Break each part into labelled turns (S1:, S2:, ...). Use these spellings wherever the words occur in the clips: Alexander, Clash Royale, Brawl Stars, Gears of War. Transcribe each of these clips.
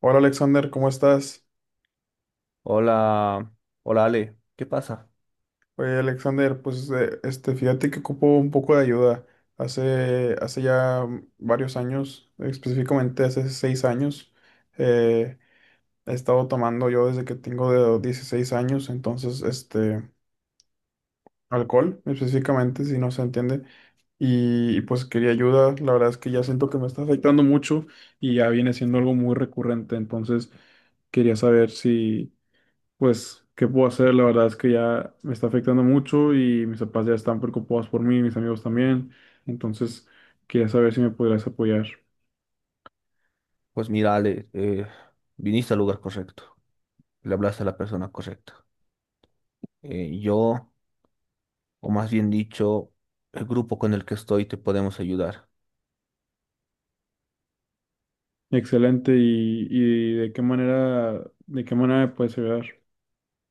S1: Hola Alexander, ¿cómo estás?
S2: Hola, hola Ale, ¿qué pasa?
S1: Oye Alexander, pues fíjate que ocupo un poco de ayuda. Hace ya varios años, específicamente hace seis años, eh, he estado tomando yo desde que tengo de 16 años, entonces este, alcohol específicamente, si no se entiende, pues quería ayuda. La verdad es que ya siento que me está afectando mucho y ya viene siendo algo muy recurrente, entonces quería saber si. Pues, ¿qué puedo hacer? La verdad es que ya me está afectando mucho y mis papás ya están preocupados por mí, mis amigos también. Entonces, quería saber si me podrías apoyar.
S2: Pues mira Ale, viniste al lugar correcto, le hablaste a la persona correcta. Eh, yo, o más bien dicho, el grupo con el que estoy te podemos ayudar.
S1: Excelente. ¿Y de qué manera me puedes ayudar?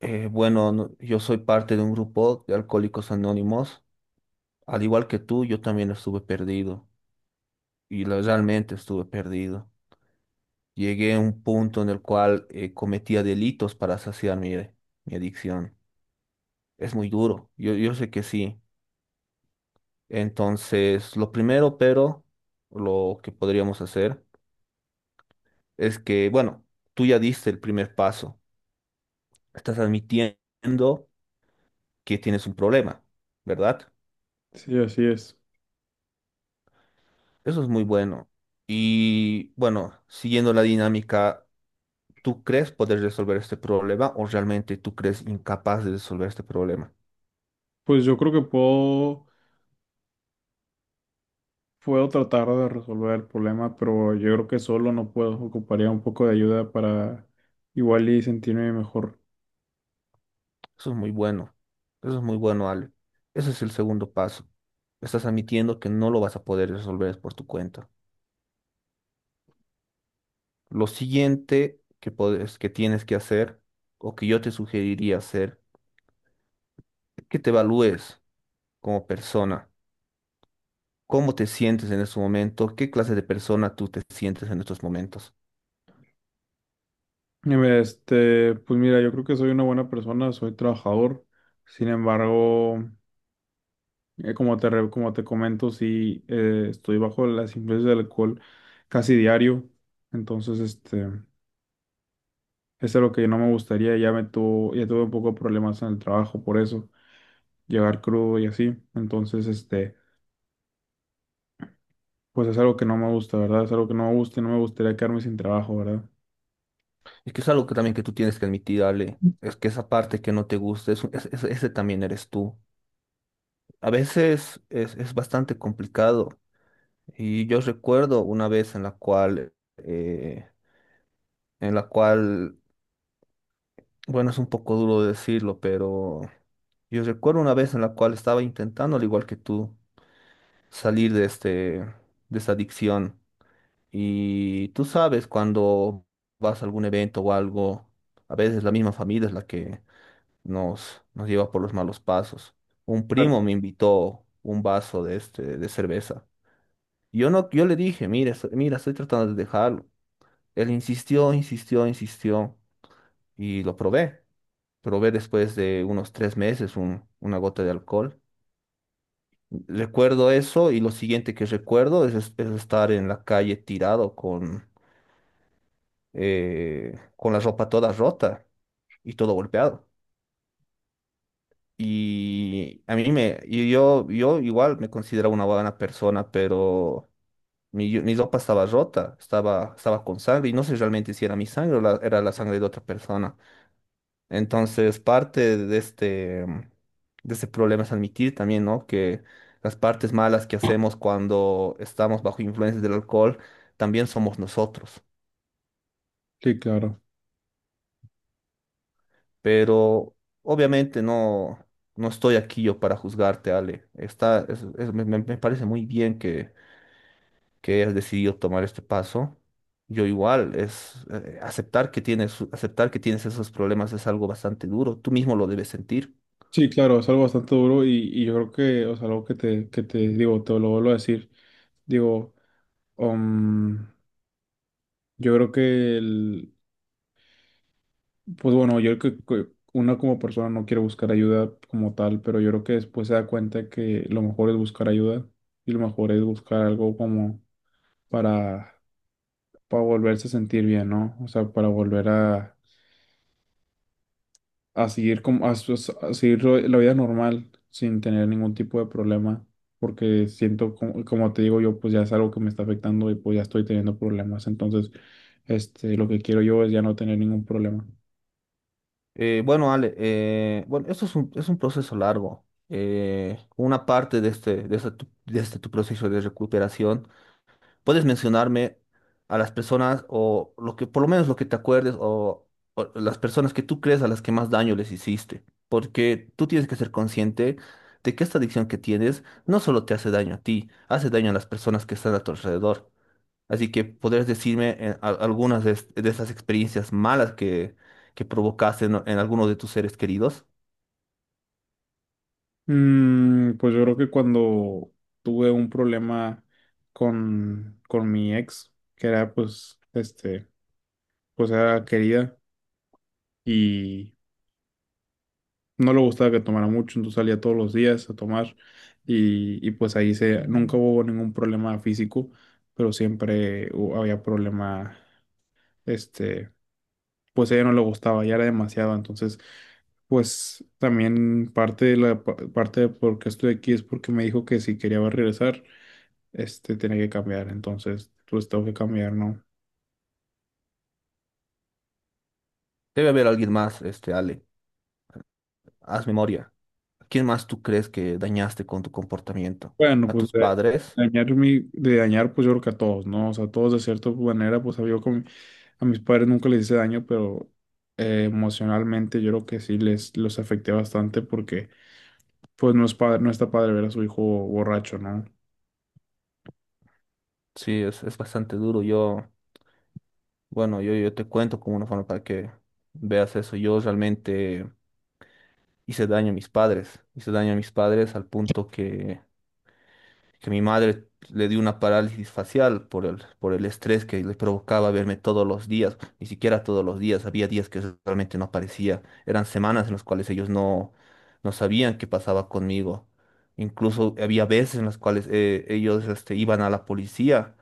S2: Bueno, yo soy parte de un grupo de Alcohólicos Anónimos, al igual que tú, yo también estuve perdido y realmente estuve perdido. Llegué a un punto en el cual cometía delitos para saciar mi adicción. Es muy duro, yo sé que sí. Entonces, lo primero, pero lo que podríamos hacer es que, bueno, tú ya diste el primer paso. Estás admitiendo que tienes un problema, ¿verdad?
S1: Sí, así es.
S2: Eso es muy bueno. Y bueno, siguiendo la dinámica, ¿tú crees poder resolver este problema o realmente tú crees incapaz de resolver este problema?
S1: Pues yo creo que puedo, puedo tratar de resolver el problema, pero yo creo que solo no puedo. Ocuparía un poco de ayuda para igual y sentirme mejor.
S2: Eso es muy bueno. Eso es muy bueno, Ale. Ese es el segundo paso. Estás admitiendo que no lo vas a poder resolver por tu cuenta. Lo siguiente que que tienes que hacer o que yo te sugeriría hacer es que te evalúes como persona, cómo te sientes en este momento, qué clase de persona tú te sientes en estos momentos.
S1: Este, pues mira, yo creo que soy una buena persona, soy trabajador. Sin embargo, como como te comento, sí, estoy bajo las influencias del alcohol casi diario. Entonces, este, eso es lo que no me gustaría. Ya tuve un poco de problemas en el trabajo por eso, llegar crudo y así. Entonces, este, pues es algo que no me gusta, ¿verdad? Es algo que no me gusta y no me gustaría quedarme sin trabajo, ¿verdad?
S2: Es que es algo que también que tú tienes que admitir, Ale, es que esa parte que no te gusta, ese también eres tú. A veces es bastante complicado y yo recuerdo una vez en la cual, en la cual, bueno, es un poco duro decirlo, pero... Yo recuerdo una vez en la cual estaba intentando, al igual que tú, salir de este, de esta adicción. Y tú sabes, cuando vas a algún evento o algo, a veces la misma familia es la que nos lleva por los malos pasos. Un primo
S1: Claro.
S2: me invitó un vaso de este, de cerveza. Yo no, yo le dije, mira, estoy tratando de dejarlo. Él insistió, insistió, insistió y lo probé. Probé después de unos 3 meses una gota de alcohol. Recuerdo eso y lo siguiente que recuerdo es, es estar en la calle tirado con la ropa toda rota y todo golpeado. Y yo, yo igual me considero una buena persona, pero mi ropa estaba rota, estaba con sangre y no sé realmente si era mi sangre o era la sangre de otra persona. Entonces, parte de este, de ese problema es admitir también, ¿no? Que las partes malas que hacemos cuando estamos bajo influencias del alcohol también somos nosotros.
S1: Sí, claro.
S2: Pero obviamente no estoy aquí yo para juzgarte, Ale. Me, me parece muy bien que hayas decidido tomar este paso. Yo igual, es aceptar que tienes esos problemas es algo bastante duro. Tú mismo lo debes sentir.
S1: Sí, claro, es algo bastante duro y yo creo que, o sea, algo que que te digo, te lo vuelvo a decir. Digo, um, yo creo que pues bueno, yo creo que uno como persona no quiere buscar ayuda como tal, pero yo creo que después se da cuenta que lo mejor es buscar ayuda y lo mejor es buscar algo como para, para volverse a sentir bien, ¿no? O sea, para volver a seguir a seguir la vida normal sin tener ningún tipo de problema, porque siento como, como te digo yo, pues ya es algo que me está afectando y pues ya estoy teniendo problemas, entonces este lo que quiero yo es ya no tener ningún problema.
S2: Bueno, Ale, bueno, esto es un proceso largo. Una parte de este, de este tu proceso de recuperación, puedes mencionarme a las personas o lo que, por lo menos lo que te acuerdes o las personas que tú crees a las que más daño les hiciste, porque tú tienes que ser consciente de que esta adicción que tienes no solo te hace daño a ti, hace daño a las personas que están a tu alrededor. Así que podrías decirme algunas de, de esas experiencias malas que provocaste en alguno de tus seres queridos.
S1: Mm, pues yo creo que cuando tuve un problema con mi ex, que era pues, este, pues era querida y no le gustaba que tomara mucho, entonces salía todos los días a tomar y pues ahí se, nunca hubo ningún problema físico, pero siempre había problema, este, pues a ella no le gustaba, ya era demasiado, entonces pues también parte de parte de por qué estoy aquí es porque me dijo que si quería regresar. Este tiene que cambiar, entonces pues tengo que cambiar, ¿no?
S2: Debe haber alguien más, este, Ale. Haz memoria. ¿Quién más tú crees que dañaste con tu comportamiento?
S1: Bueno,
S2: ¿A
S1: pues
S2: tus
S1: de
S2: padres?
S1: dañar pues yo creo que a todos, ¿no? O sea, todos de cierta manera, pues a mis padres nunca les hice daño, pero emocionalmente yo creo que sí les los afecté bastante porque pues no es padre, no está padre ver a su hijo borracho, ¿no?
S2: Sí, es bastante duro. Yo te cuento como una forma para que veas eso. Yo realmente hice daño a mis padres. Hice daño a mis padres al punto que mi madre le dio una parálisis facial por el estrés que le provocaba verme todos los días, ni siquiera todos los días, había días que realmente no aparecía, eran semanas en las cuales ellos no, no sabían qué pasaba conmigo, incluso había veces en las cuales ellos este, iban a la policía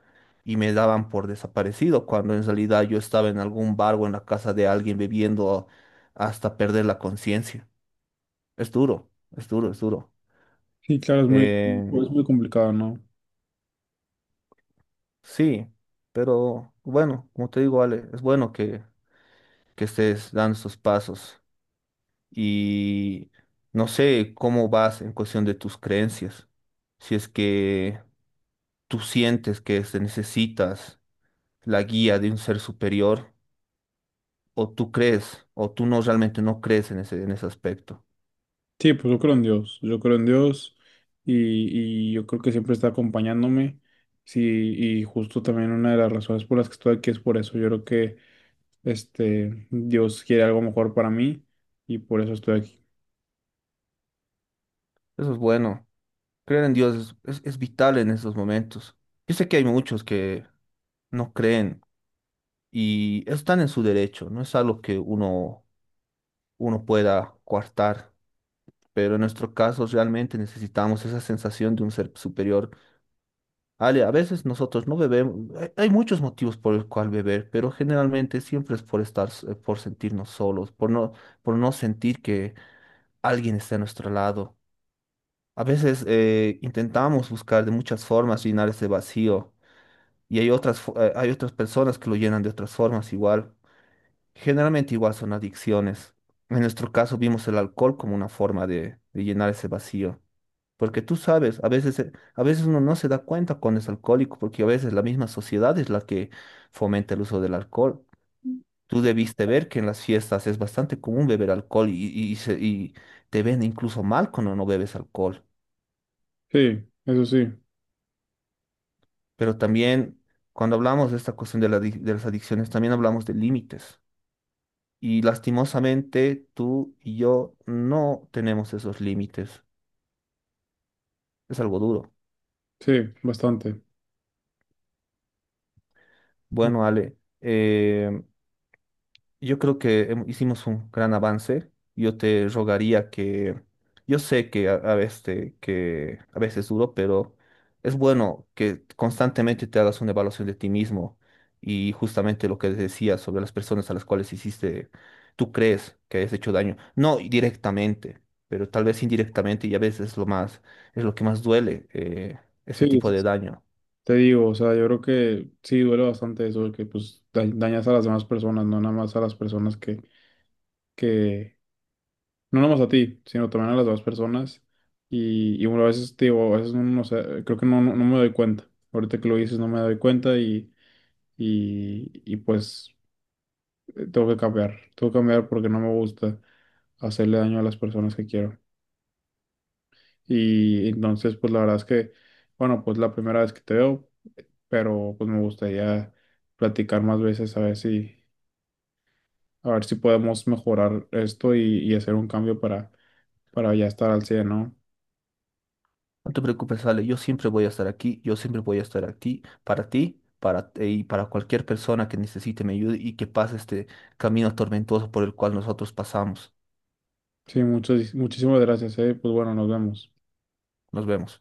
S2: y me daban por desaparecido, cuando en realidad yo estaba en algún bar o en la casa de alguien bebiendo hasta perder la conciencia. Es duro, es duro, es duro.
S1: Sí, claro, es muy,
S2: Eh,
S1: pues, muy complicado, ¿no?
S2: Sí, pero bueno, como te digo, Ale, es bueno que estés dando esos pasos y no sé cómo vas en cuestión de tus creencias. Si es que tú sientes que te necesitas la guía de un ser superior o tú crees o tú no realmente no crees en ese aspecto.
S1: Sí, pues yo creo en Dios, yo creo en Dios y yo creo que siempre está acompañándome. Sí, y justo también una de las razones por las que estoy aquí es por eso. Yo creo que este Dios quiere algo mejor para mí y por eso estoy aquí.
S2: Eso es bueno. Creer en Dios es, es vital en esos momentos. Yo sé que hay muchos que no creen y están en su derecho, no es algo que uno pueda coartar, pero en nuestro caso realmente necesitamos esa sensación de un ser superior. Ale, a veces nosotros no bebemos, hay muchos motivos por el cual beber, pero generalmente siempre es por estar, por sentirnos solos, por no sentir que alguien está a nuestro lado. A veces intentamos buscar de muchas formas llenar ese vacío y hay otras, hay otras personas que lo llenan de otras formas igual. Generalmente igual son adicciones. En nuestro caso vimos el alcohol como una forma de llenar ese vacío. Porque tú sabes, a veces uno no se da cuenta cuando es alcohólico, porque a veces la misma sociedad es la que fomenta el uso del alcohol. Tú debiste ver que en las fiestas es bastante común beber alcohol y, y te ven incluso mal cuando no bebes alcohol.
S1: Sí, eso sí,
S2: Pero también cuando hablamos de esta cuestión de de las adicciones, también hablamos de límites. Y lastimosamente tú y yo no tenemos esos límites. Es algo duro.
S1: sí, bastante.
S2: Bueno, Ale, yo creo que hicimos un gran avance. Yo te rogaría que, yo sé que a veces te- que a veces es duro, pero es bueno que constantemente te hagas una evaluación de ti mismo y justamente lo que decías sobre las personas a las cuales hiciste, tú crees que has hecho daño, no directamente, pero tal vez indirectamente y a veces es lo más, es lo que más duele, ese
S1: Sí,
S2: tipo
S1: sí,
S2: de
S1: sí.
S2: daño.
S1: Te digo, o sea, yo creo que sí duele bastante eso, de que pues dañas a las demás personas, no nada más a las personas que no nomás a ti, sino también a las demás personas. Y bueno, a veces te digo, a veces no sé, creo que no me doy cuenta. Ahorita que lo dices, no me doy cuenta y pues tengo que cambiar. Tengo que cambiar porque no me gusta hacerle daño a las personas que quiero. Y entonces, pues la verdad es que, bueno, pues la primera vez que te veo, pero pues me gustaría platicar más veces a ver si podemos mejorar esto y hacer un cambio para ya estar al 100, ¿no?
S2: No te preocupes, Ale, yo siempre voy a estar aquí, yo siempre voy a estar aquí para ti, para para cualquier persona que necesite mi ayuda y que pase este camino tormentoso por el cual nosotros pasamos.
S1: Sí, muchas, muchísimas gracias, eh. Pues bueno, nos vemos.
S2: Nos vemos.